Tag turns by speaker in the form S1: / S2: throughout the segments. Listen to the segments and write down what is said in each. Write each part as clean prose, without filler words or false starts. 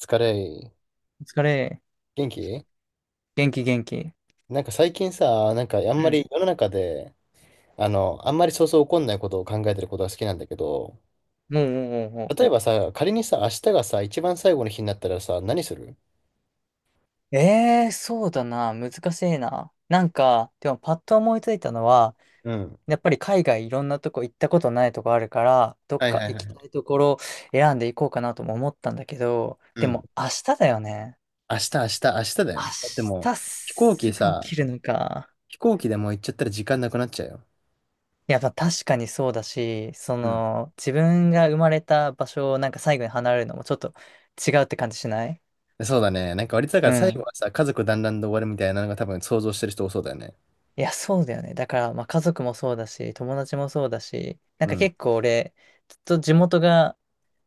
S1: 疲れ、
S2: お疲れ。
S1: 元気
S2: 元気元気。
S1: 最近さ、あ
S2: う
S1: んま
S2: ん。
S1: り世の中で、あんまり起こんないことを考えてることが好きなんだけど、
S2: もうもうも
S1: 例えばさ、仮にさ、明日がさ、一番最後の日になったらさ、何する？
S2: う。ええー、そうだな。難しいな。なんか、でもパッと思いついたのは、
S1: うん。
S2: やっぱり海外いろんなとこ行ったことないとこあるから、どっ
S1: はい
S2: か
S1: はい
S2: 行
S1: は
S2: きた
S1: い。
S2: いところ選んでいこうかなとも思ったんだけど、
S1: う
S2: で
S1: ん。
S2: も明日だよね。
S1: 明日、明日だよ。だっても
S2: 明日
S1: う、飛行機
S2: すぐ起
S1: さ、
S2: きるのか。
S1: 飛行機でもう行っちゃったら時間なくなっちゃうよ。
S2: いや、まあ確かにそうだし、そ
S1: うん。
S2: の、自分が生まれた場所をなんか最後に離れるのもちょっと違うって感じしない？
S1: そうだね。なんか割とだか
S2: う
S1: ら最後
S2: ん。
S1: はさ、家族団らんで終わるみたいなのが多分想像してる人多そうだよね。
S2: いや、そうだよね。だから、まあ、家族もそうだし、友達もそうだし、なん
S1: う
S2: か
S1: ん。
S2: 結構俺、ずっと地元が、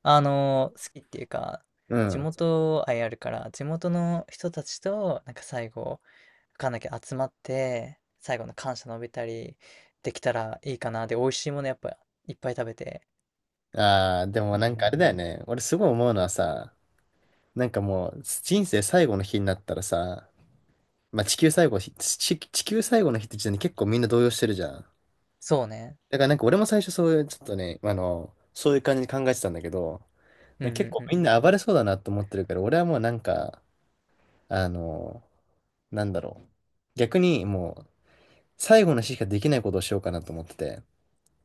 S2: 好きっていうか、
S1: う
S2: 地
S1: ん。
S2: 元愛あるから、地元の人たちと、なんか最後、わかんなきゃ集まって、最後の感謝述べたりできたらいいかな。で、美味しいものやっぱいっぱい食べて。
S1: ああ、でも
S2: う
S1: なんかあれ
S2: ん。
S1: だよね。俺すごい思うのはさ、なんかもう、人生最後の日になったらさ、まあ地球最後の日、地球最後の日って時点で結構みんな動揺してるじゃん。
S2: そうね。
S1: だからなんか俺も最初そういう、ちょっとね、そういう感じに考えてたんだけど、
S2: うん
S1: なんか
S2: う
S1: 結
S2: ん
S1: 構
S2: うんう
S1: みん
S2: ん。
S1: な暴れそうだなと思ってるから、俺はもうなんか、あの、なんだろう。逆にもう、最後の日しかできないことをしようかなと思ってて、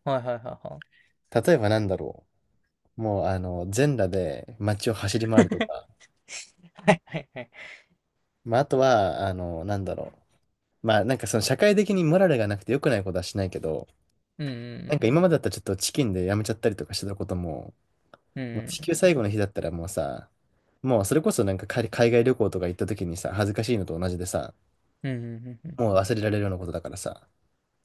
S2: はいはいはいはい。
S1: 例えばなんだろう。もう全裸で街を走り回るとか、
S2: はいはいはい。
S1: まああとは、なんだろう。まあなんかその社会的にモラルがなくて良くないことはしないけど、
S2: うん
S1: なん
S2: う
S1: か今
S2: ん
S1: までだったらちょっとチキンでやめちゃったりとかしてたことも、
S2: うん
S1: もう
S2: う
S1: 地球
S2: ん。
S1: 最後の日だったらもうさ、もうそれこそなんか海外旅行とか行った時にさ、恥ずかしいのと同じでさ、
S2: うんうんうんうん。うんうんうんうん。
S1: もう忘れられるようなことだからさ、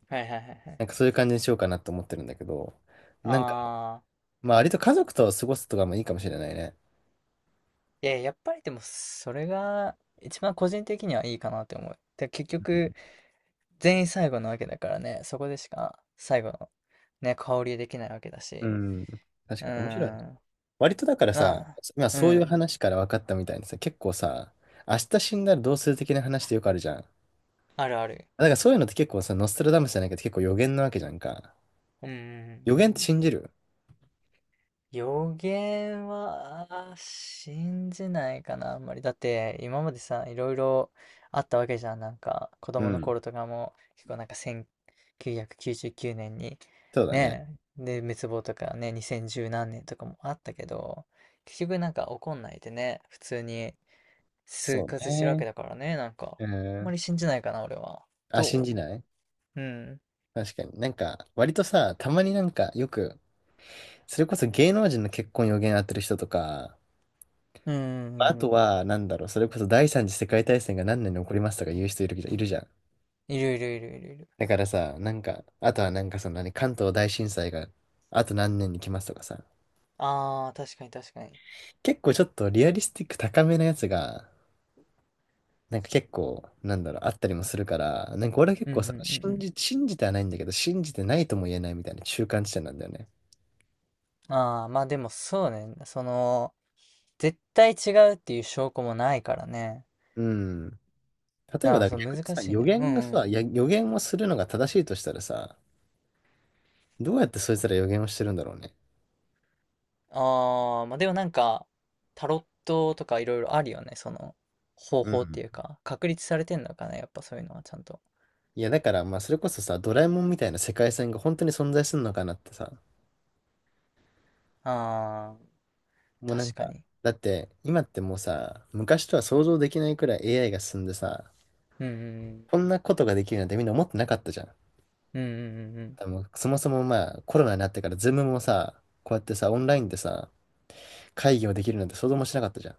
S2: はいはいはいはい。
S1: なんかそういう感じにしようかなと思ってるんだけど、なんか、
S2: ああ。
S1: まあ割と家族と過ごすとかもいいかもしれないね。
S2: いや、やっぱりでも、それが一番個人的にはいいかなって思う。で、結
S1: うん。
S2: 局、全員最後なわけだからね、そこでしか最後のね、香りできないわけだ
S1: う
S2: し。
S1: ん。確
S2: う
S1: かに面白いね。
S2: ーん、
S1: 割とだから
S2: ま
S1: さ、
S2: あ、
S1: 今
S2: う
S1: そういう
S2: ん、
S1: 話から分かったみたいにさ、結構さ、明日死んだらどうする的な話ってよくあるじゃん。
S2: あるある。
S1: だからそういうのって結構さ、ノストラダムスじゃないけど結構予言なわけじゃんか。
S2: うんうんう
S1: 予
S2: んう
S1: 言
S2: ん。
S1: って信じる？
S2: 予言は信じないかな、あんまり。だって今までさ、いろいろあったわけじゃん。なんか子
S1: う
S2: 供の
S1: ん。
S2: 頃とかも結構なんか1999年に
S1: そうだね。
S2: ねえ、で滅亡とかね、2010何年とかもあったけど、結局なんか起こんないでね、普通に生
S1: そう
S2: 活してるわけ
S1: ね。
S2: だからね、なんか
S1: う
S2: あんま
S1: ん。
S2: り信じないかな、俺は。
S1: あ、信
S2: ど
S1: じない？
S2: うん。
S1: 確かに。なんか、割とさ、たまになんかよく、それこそ芸能人の結婚予言当てる人とか、
S2: うんうん
S1: まあ
S2: うんう
S1: と
S2: ん。
S1: は、なんだろう、それこそ第三次世界大戦が何年に起こりますとか言う人いるじゃん。
S2: いるいるいるいるいる。
S1: だからさ、なんか、あとはなんかその何、関東大震災があと何年に来ますとかさ、
S2: ああ、確かに確かに。
S1: 結構ちょっとリアリスティック高めのやつが、なんか結構、なんだろう、あったりもするから、なんか俺は結
S2: うんう
S1: 構
S2: んうん
S1: さ、
S2: うん。
S1: 信じてはないんだけど、信じてないとも言えないみたいな中間地点なんだよね。
S2: ああ、まあでもそうね。その、絶対違うっていう証拠もないからね。
S1: うん。例えば、
S2: ああ、
S1: だか
S2: そう、
S1: ら
S2: 難
S1: 逆にさ、
S2: しい
S1: 予
S2: ね。う
S1: 言が
S2: んうん。
S1: さ、予言をするのが正しいとしたらさ、どうやってそいつら予言をしてるんだろうね。
S2: ああ、まあでもなんか、タロットとかいろいろあるよね。その、方
S1: う
S2: 法っ
S1: ん。
S2: ていうか、確立されてんのかな。やっぱそういうのはちゃんと。
S1: いや、だから、まあ、それこそさ、ドラえもんみたいな世界線が本当に存在するのかなってさ、
S2: ああ、
S1: もうなん
S2: 確か
S1: か、
S2: に。
S1: だって、今ってもうさ、昔とは想像できないくらい AI が進んでさ、
S2: うんうん
S1: こんなことができるなんてみんな思ってなかったじゃん。
S2: うん。うんうんうんうん。
S1: でもそもそもまあコロナになってからズームもさ、こうやってさ、オンラインでさ、会議をできるなんて想像もしなかったじゃん。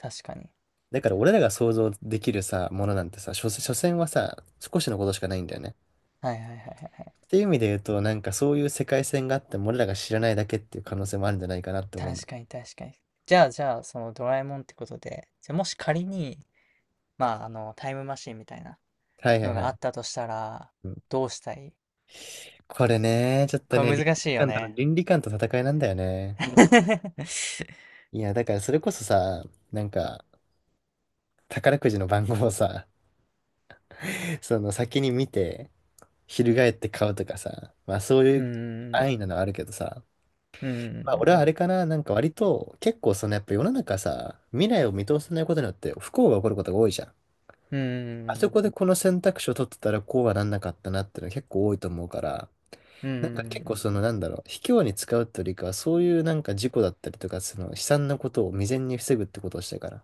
S2: 確かに。
S1: だから俺らが想像できるさ、ものなんてさ、所詮はさ、少しのことしかないんだよね。
S2: はいはいはいはいはい。
S1: っていう意味で言うと、なんかそういう世界線があっても俺らが知らないだけっていう可能性もあるんじゃないかなって思うんだ。
S2: 確かに確かに。じゃあ、そのドラえもんってことで、じゃあもし仮に、まああの、タイムマシンみたいな
S1: はいは
S2: の
S1: いは
S2: があ
S1: い。
S2: ったとしたら、
S1: うん、
S2: どうしたい？
S1: これね、ちょっと
S2: こ
S1: ね、
S2: れ難しいよね。
S1: 倫理観と戦いなんだよね。いや、だからそれこそさ、なんか、宝くじの番号をさ、その先に見て、翻って買うとかさ、まあそうい
S2: うー
S1: う安
S2: ん、
S1: 易なのはあるけどさ、
S2: うー
S1: まあ
S2: ん、
S1: 俺はあれかな、なんか割と結構そのやっぱ世の中さ、未来を見通せないことによって不幸が起こることが多いじゃん。
S2: うー
S1: あそ
S2: ん、
S1: こでこの選択肢を取ってたらこうはなんなかったなっていうのは結構多いと思うから、
S2: うー
S1: なんか結構
S2: ん。
S1: そのなんだろう、卑怯に使うってよりかはそういうなんか事故だったりとか、その悲惨なことを未然に防ぐってことをしたいから。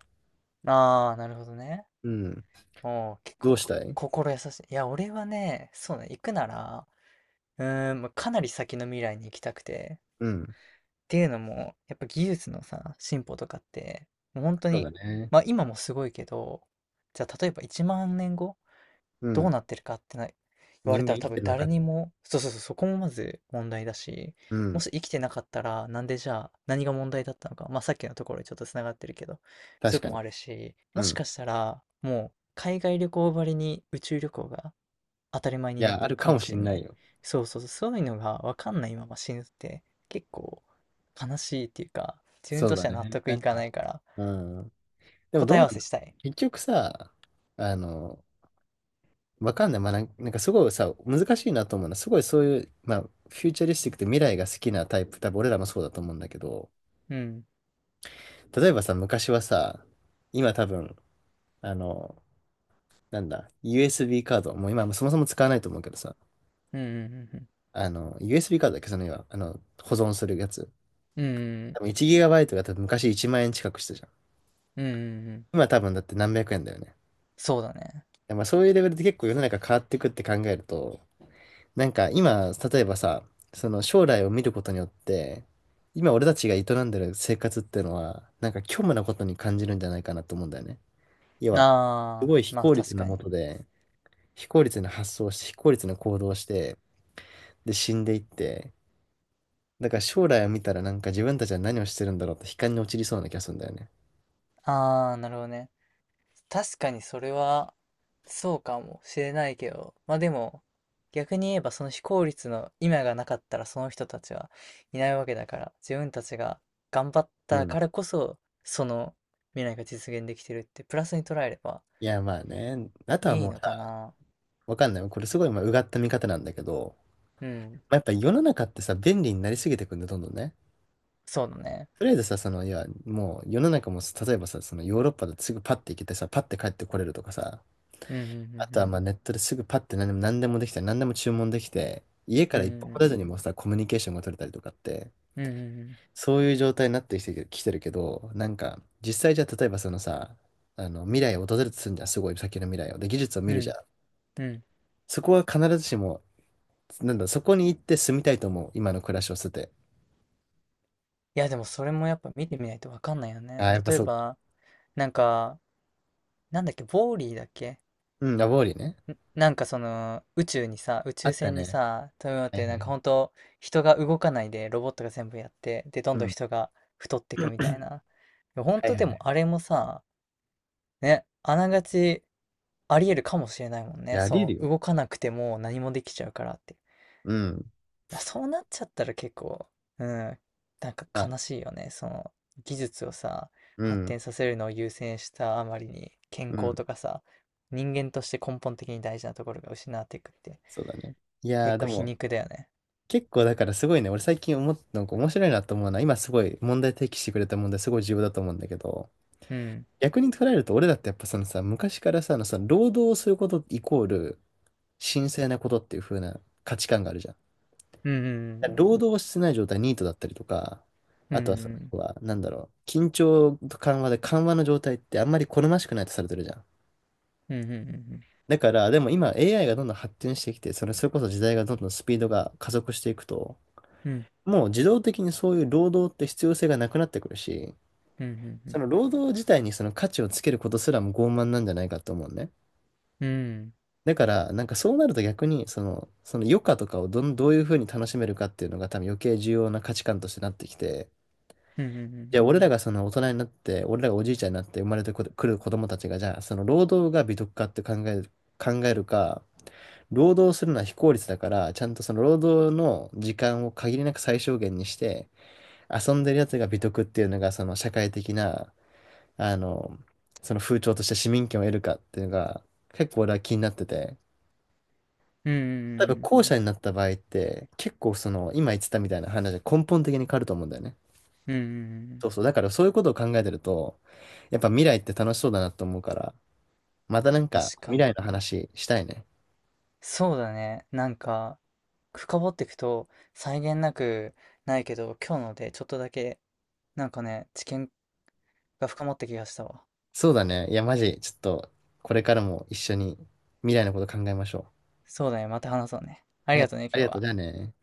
S2: ああ、なるほどね。
S1: うん。
S2: おお、結
S1: どうし
S2: 構、
S1: たい？
S2: 心優しい。いや、俺はね、そうね、行くなら、うーん、まあかなり先の未来に行きたくて。っ
S1: うん。
S2: ていうのも、やっぱ技術のさ、進歩とかって、もう本当
S1: そう
S2: に、
S1: だね。
S2: まあ今もすごいけど、じゃあ例えば1万年後
S1: う
S2: どう
S1: ん。
S2: なってるかってな言われ
S1: 人
S2: た
S1: 間
S2: ら
S1: 生
S2: 多
S1: きて
S2: 分
S1: るのか。
S2: 誰にも、そうそうそう、そこもまず問題だし、
S1: う
S2: も
S1: ん。
S2: し生きてなかったら、なんでじゃあ何が問題だったのか、まあさっきのところにちょっとつながってるけど、そうい
S1: 確
S2: うとこと
S1: かに。
S2: もあるし、も
S1: う
S2: しか
S1: ん。
S2: したらもう海外旅行ばりに宇宙旅行が当たり前
S1: い
S2: になっ
S1: や、あ
S2: てる
S1: る
S2: か
S1: かも
S2: も
S1: しれ
S2: しん
S1: な
S2: な
S1: い
S2: い。
S1: よ。
S2: そうそうそう、そういうのがわかんないまま死ぬって結構悲しいっていうか、自分
S1: そう
S2: とし
S1: だ
S2: ては納
S1: ね。
S2: 得
S1: な
S2: い
S1: ん
S2: か
S1: か、
S2: ないから
S1: うん。でも
S2: 答
S1: どう
S2: え
S1: な
S2: 合わ
S1: の？
S2: せしたい。
S1: 結局さ、あの、わかんない。まあ、なんなんかすごいさ、難しいなと思うのは、すごいそういう、まあ、フューチャリスティックで未来が好きなタイプ、多分俺らもそうだと思うんだけど、
S2: うん。
S1: 例えばさ、昔はさ、今多分、あの、なんだ、USB カード、もう今もそもそも使わないと思うけどさ、
S2: うんうん
S1: USB カードだっけ、その今、保存するやつ。
S2: うんうん。う
S1: 多
S2: ん
S1: 分 1GB が多分昔1万円近くしたじゃん。
S2: うんうんうんうん。
S1: 今多分だって何百円だよね。
S2: そうだね。
S1: まあそういうレベルで結構世の中変わっていくって考えると、なんか今、例えばさ、その将来を見ることによって、今俺たちが営んでる生活っていうのは、なんか虚無なことに感じるんじゃないかなと思うんだよね。要は、す
S2: ああ、
S1: ごい非
S2: まあ
S1: 効
S2: 確
S1: 率な
S2: か
S1: も
S2: に。
S1: とで、非効率な発想をして、非効率な行動をして、で死んでいって、だから将来を見たらなんか自分たちは何をしてるんだろうって悲観に陥りそうな気がするんだよね。
S2: ああ、なるほどね。確かにそれは、そうかもしれないけど、まあでも、逆に言えばその非効率の今がなかったらその人たちはいないわけだから、自分たちが頑張っ
S1: う
S2: た
S1: ん。
S2: からこそ、その未来が実現できてるって、プラスに捉えれば
S1: いやまあね、あとは
S2: いい
S1: もう
S2: の
S1: さ、
S2: かな。
S1: わかんない。これすごいまあうがった見方なんだけど、
S2: うん、
S1: まあやっぱ世の中ってさ、便利になりすぎてくんだ、どんどんね。
S2: そうだね。
S1: とりあえずさ、いや、もう世の中も、例えばさ、そのヨーロッパだとすぐパッて行けてさ、パッて帰ってこれるとかさ、
S2: う
S1: あとは
S2: ん、
S1: まあネットですぐパッて何でもできて、何でも注文できて、家
S2: う
S1: か
S2: ん、
S1: ら
S2: う
S1: 一
S2: ん、
S1: 歩
S2: う
S1: も出
S2: ん、
S1: ずにもさ、コミュニケーションが取れたりとかって、
S2: うん、うん、
S1: そういう状態になってきてるけど、なんか、実際じゃあ例えばそのさ、未来を訪れるとするんじゃん、すごい先の未来を。で、技術を
S2: う
S1: 見
S2: ん、
S1: る
S2: うん、う
S1: じゃ
S2: ん。
S1: ん。
S2: うんうん。
S1: そこは必ずしも、なんだ、そこに行って住みたいと思う、今の暮らしを捨てて。
S2: いや、でもそれもやっぱ見てみないとわかんないよ
S1: あ
S2: ね。
S1: あ、やっぱ
S2: 例え
S1: そうか。
S2: ば、なんか、なんだっけ、ウォーリーだっけ？
S1: うん、ラボーリーね。
S2: なんかその、宇宙にさ、宇
S1: あ
S2: 宙
S1: った
S2: 船に
S1: ね。
S2: さ、飛び乗っ
S1: はい
S2: て、
S1: は
S2: なん
S1: いは
S2: か
S1: い。
S2: 本当人が動かないで、ロボットが全部やって、で、ど
S1: う
S2: んどん
S1: ん。
S2: 人が太っていくみたいな。本
S1: はい
S2: 当
S1: はい
S2: で
S1: は
S2: も
S1: い。
S2: あれもさ、ね、あながちありえるかもしれないもんね。
S1: やれ
S2: そ
S1: る
S2: う、
S1: よ。
S2: 動かなくても何もできちゃうからって。
S1: うん。
S2: そうなっちゃったら結構、うん、なんか
S1: まあ、
S2: 悲しいよね。その技術をさ、
S1: う
S2: 発
S1: ん。
S2: 展させるのを優先したあまりに健
S1: う
S2: 康
S1: ん。
S2: とかさ、人間として根本的に大事なところが失われていくって
S1: そうだね。いや
S2: 結
S1: ー、で
S2: 構皮
S1: も、
S2: 肉だよね。
S1: 結構だからすごいね、俺最近思っなんか面白いなと思うのは、今すごい問題提起してくれた問題すごい重要だと思うんだけど、
S2: うん。
S1: 逆に捉えると俺だってやっぱそのさ、昔からさ、あのさ、労働をすることイコール神聖なことっていう風な価値観があるじゃん。
S2: うんうん
S1: 労働をしてない状態、ニートだったりとか、
S2: う
S1: あとはその、
S2: ん
S1: 要は、なんだろう、緊張と緩和で緩和の状態ってあんまり好ましくないとされてるじゃん。
S2: うんうんうんうん
S1: だから、でも今 AI がどんどん発展してきて、それこそ時代がどんどんスピードが加速していくと、
S2: うん
S1: もう自動的にそういう労働って必要性がなくなってくるし、
S2: う
S1: そ
S2: ん
S1: の労働自体にその価値をつけることすらも傲慢なんじゃないかと思うね。
S2: うん
S1: だから、なんかそうなると逆に、その余暇とかをどういうふうに楽しめるかっていうのが多分余計重要な価値観としてなってきて、
S2: うんうんう
S1: じゃあ
S2: ん
S1: 俺らがその大人になって、俺らがおじいちゃんになって生まれてくる子供たちが、じゃあその労働が美徳かって考えるか、労働するのは非効率だから、ちゃんとその労働の時間を限りなく最小限にして、遊んでるやつが美徳っていうのが、その社会的な、あの、その風潮として市民権を得るかっていうのが、結構俺は気になってて、
S2: うんう
S1: 多
S2: んう
S1: 分
S2: ん
S1: 後者になった場合って、結構その、今言ってたみたいな話が根本的に変わると思うんだよね。
S2: うんうんうんうんうんうんうんうんうん。
S1: そうそう。だからそういうことを考えてると、やっぱ未来って楽しそうだなと思うから、またなんか
S2: 確か
S1: 未来
S2: に。
S1: の話したいね。
S2: そうだね。なんか、深掘っていくと、際限なくないけど、今日のでちょっとだけ、なんかね、知見が深まった気がしたわ。
S1: そうだね。いや、マジ、ちょっと、これからも一緒に未来のこと考えましょ
S2: そうだね、また話そうね。あ
S1: う。
S2: り
S1: は
S2: が
S1: い、
S2: とうね、
S1: あり
S2: 今日
S1: がとう。
S2: は。
S1: じゃあね。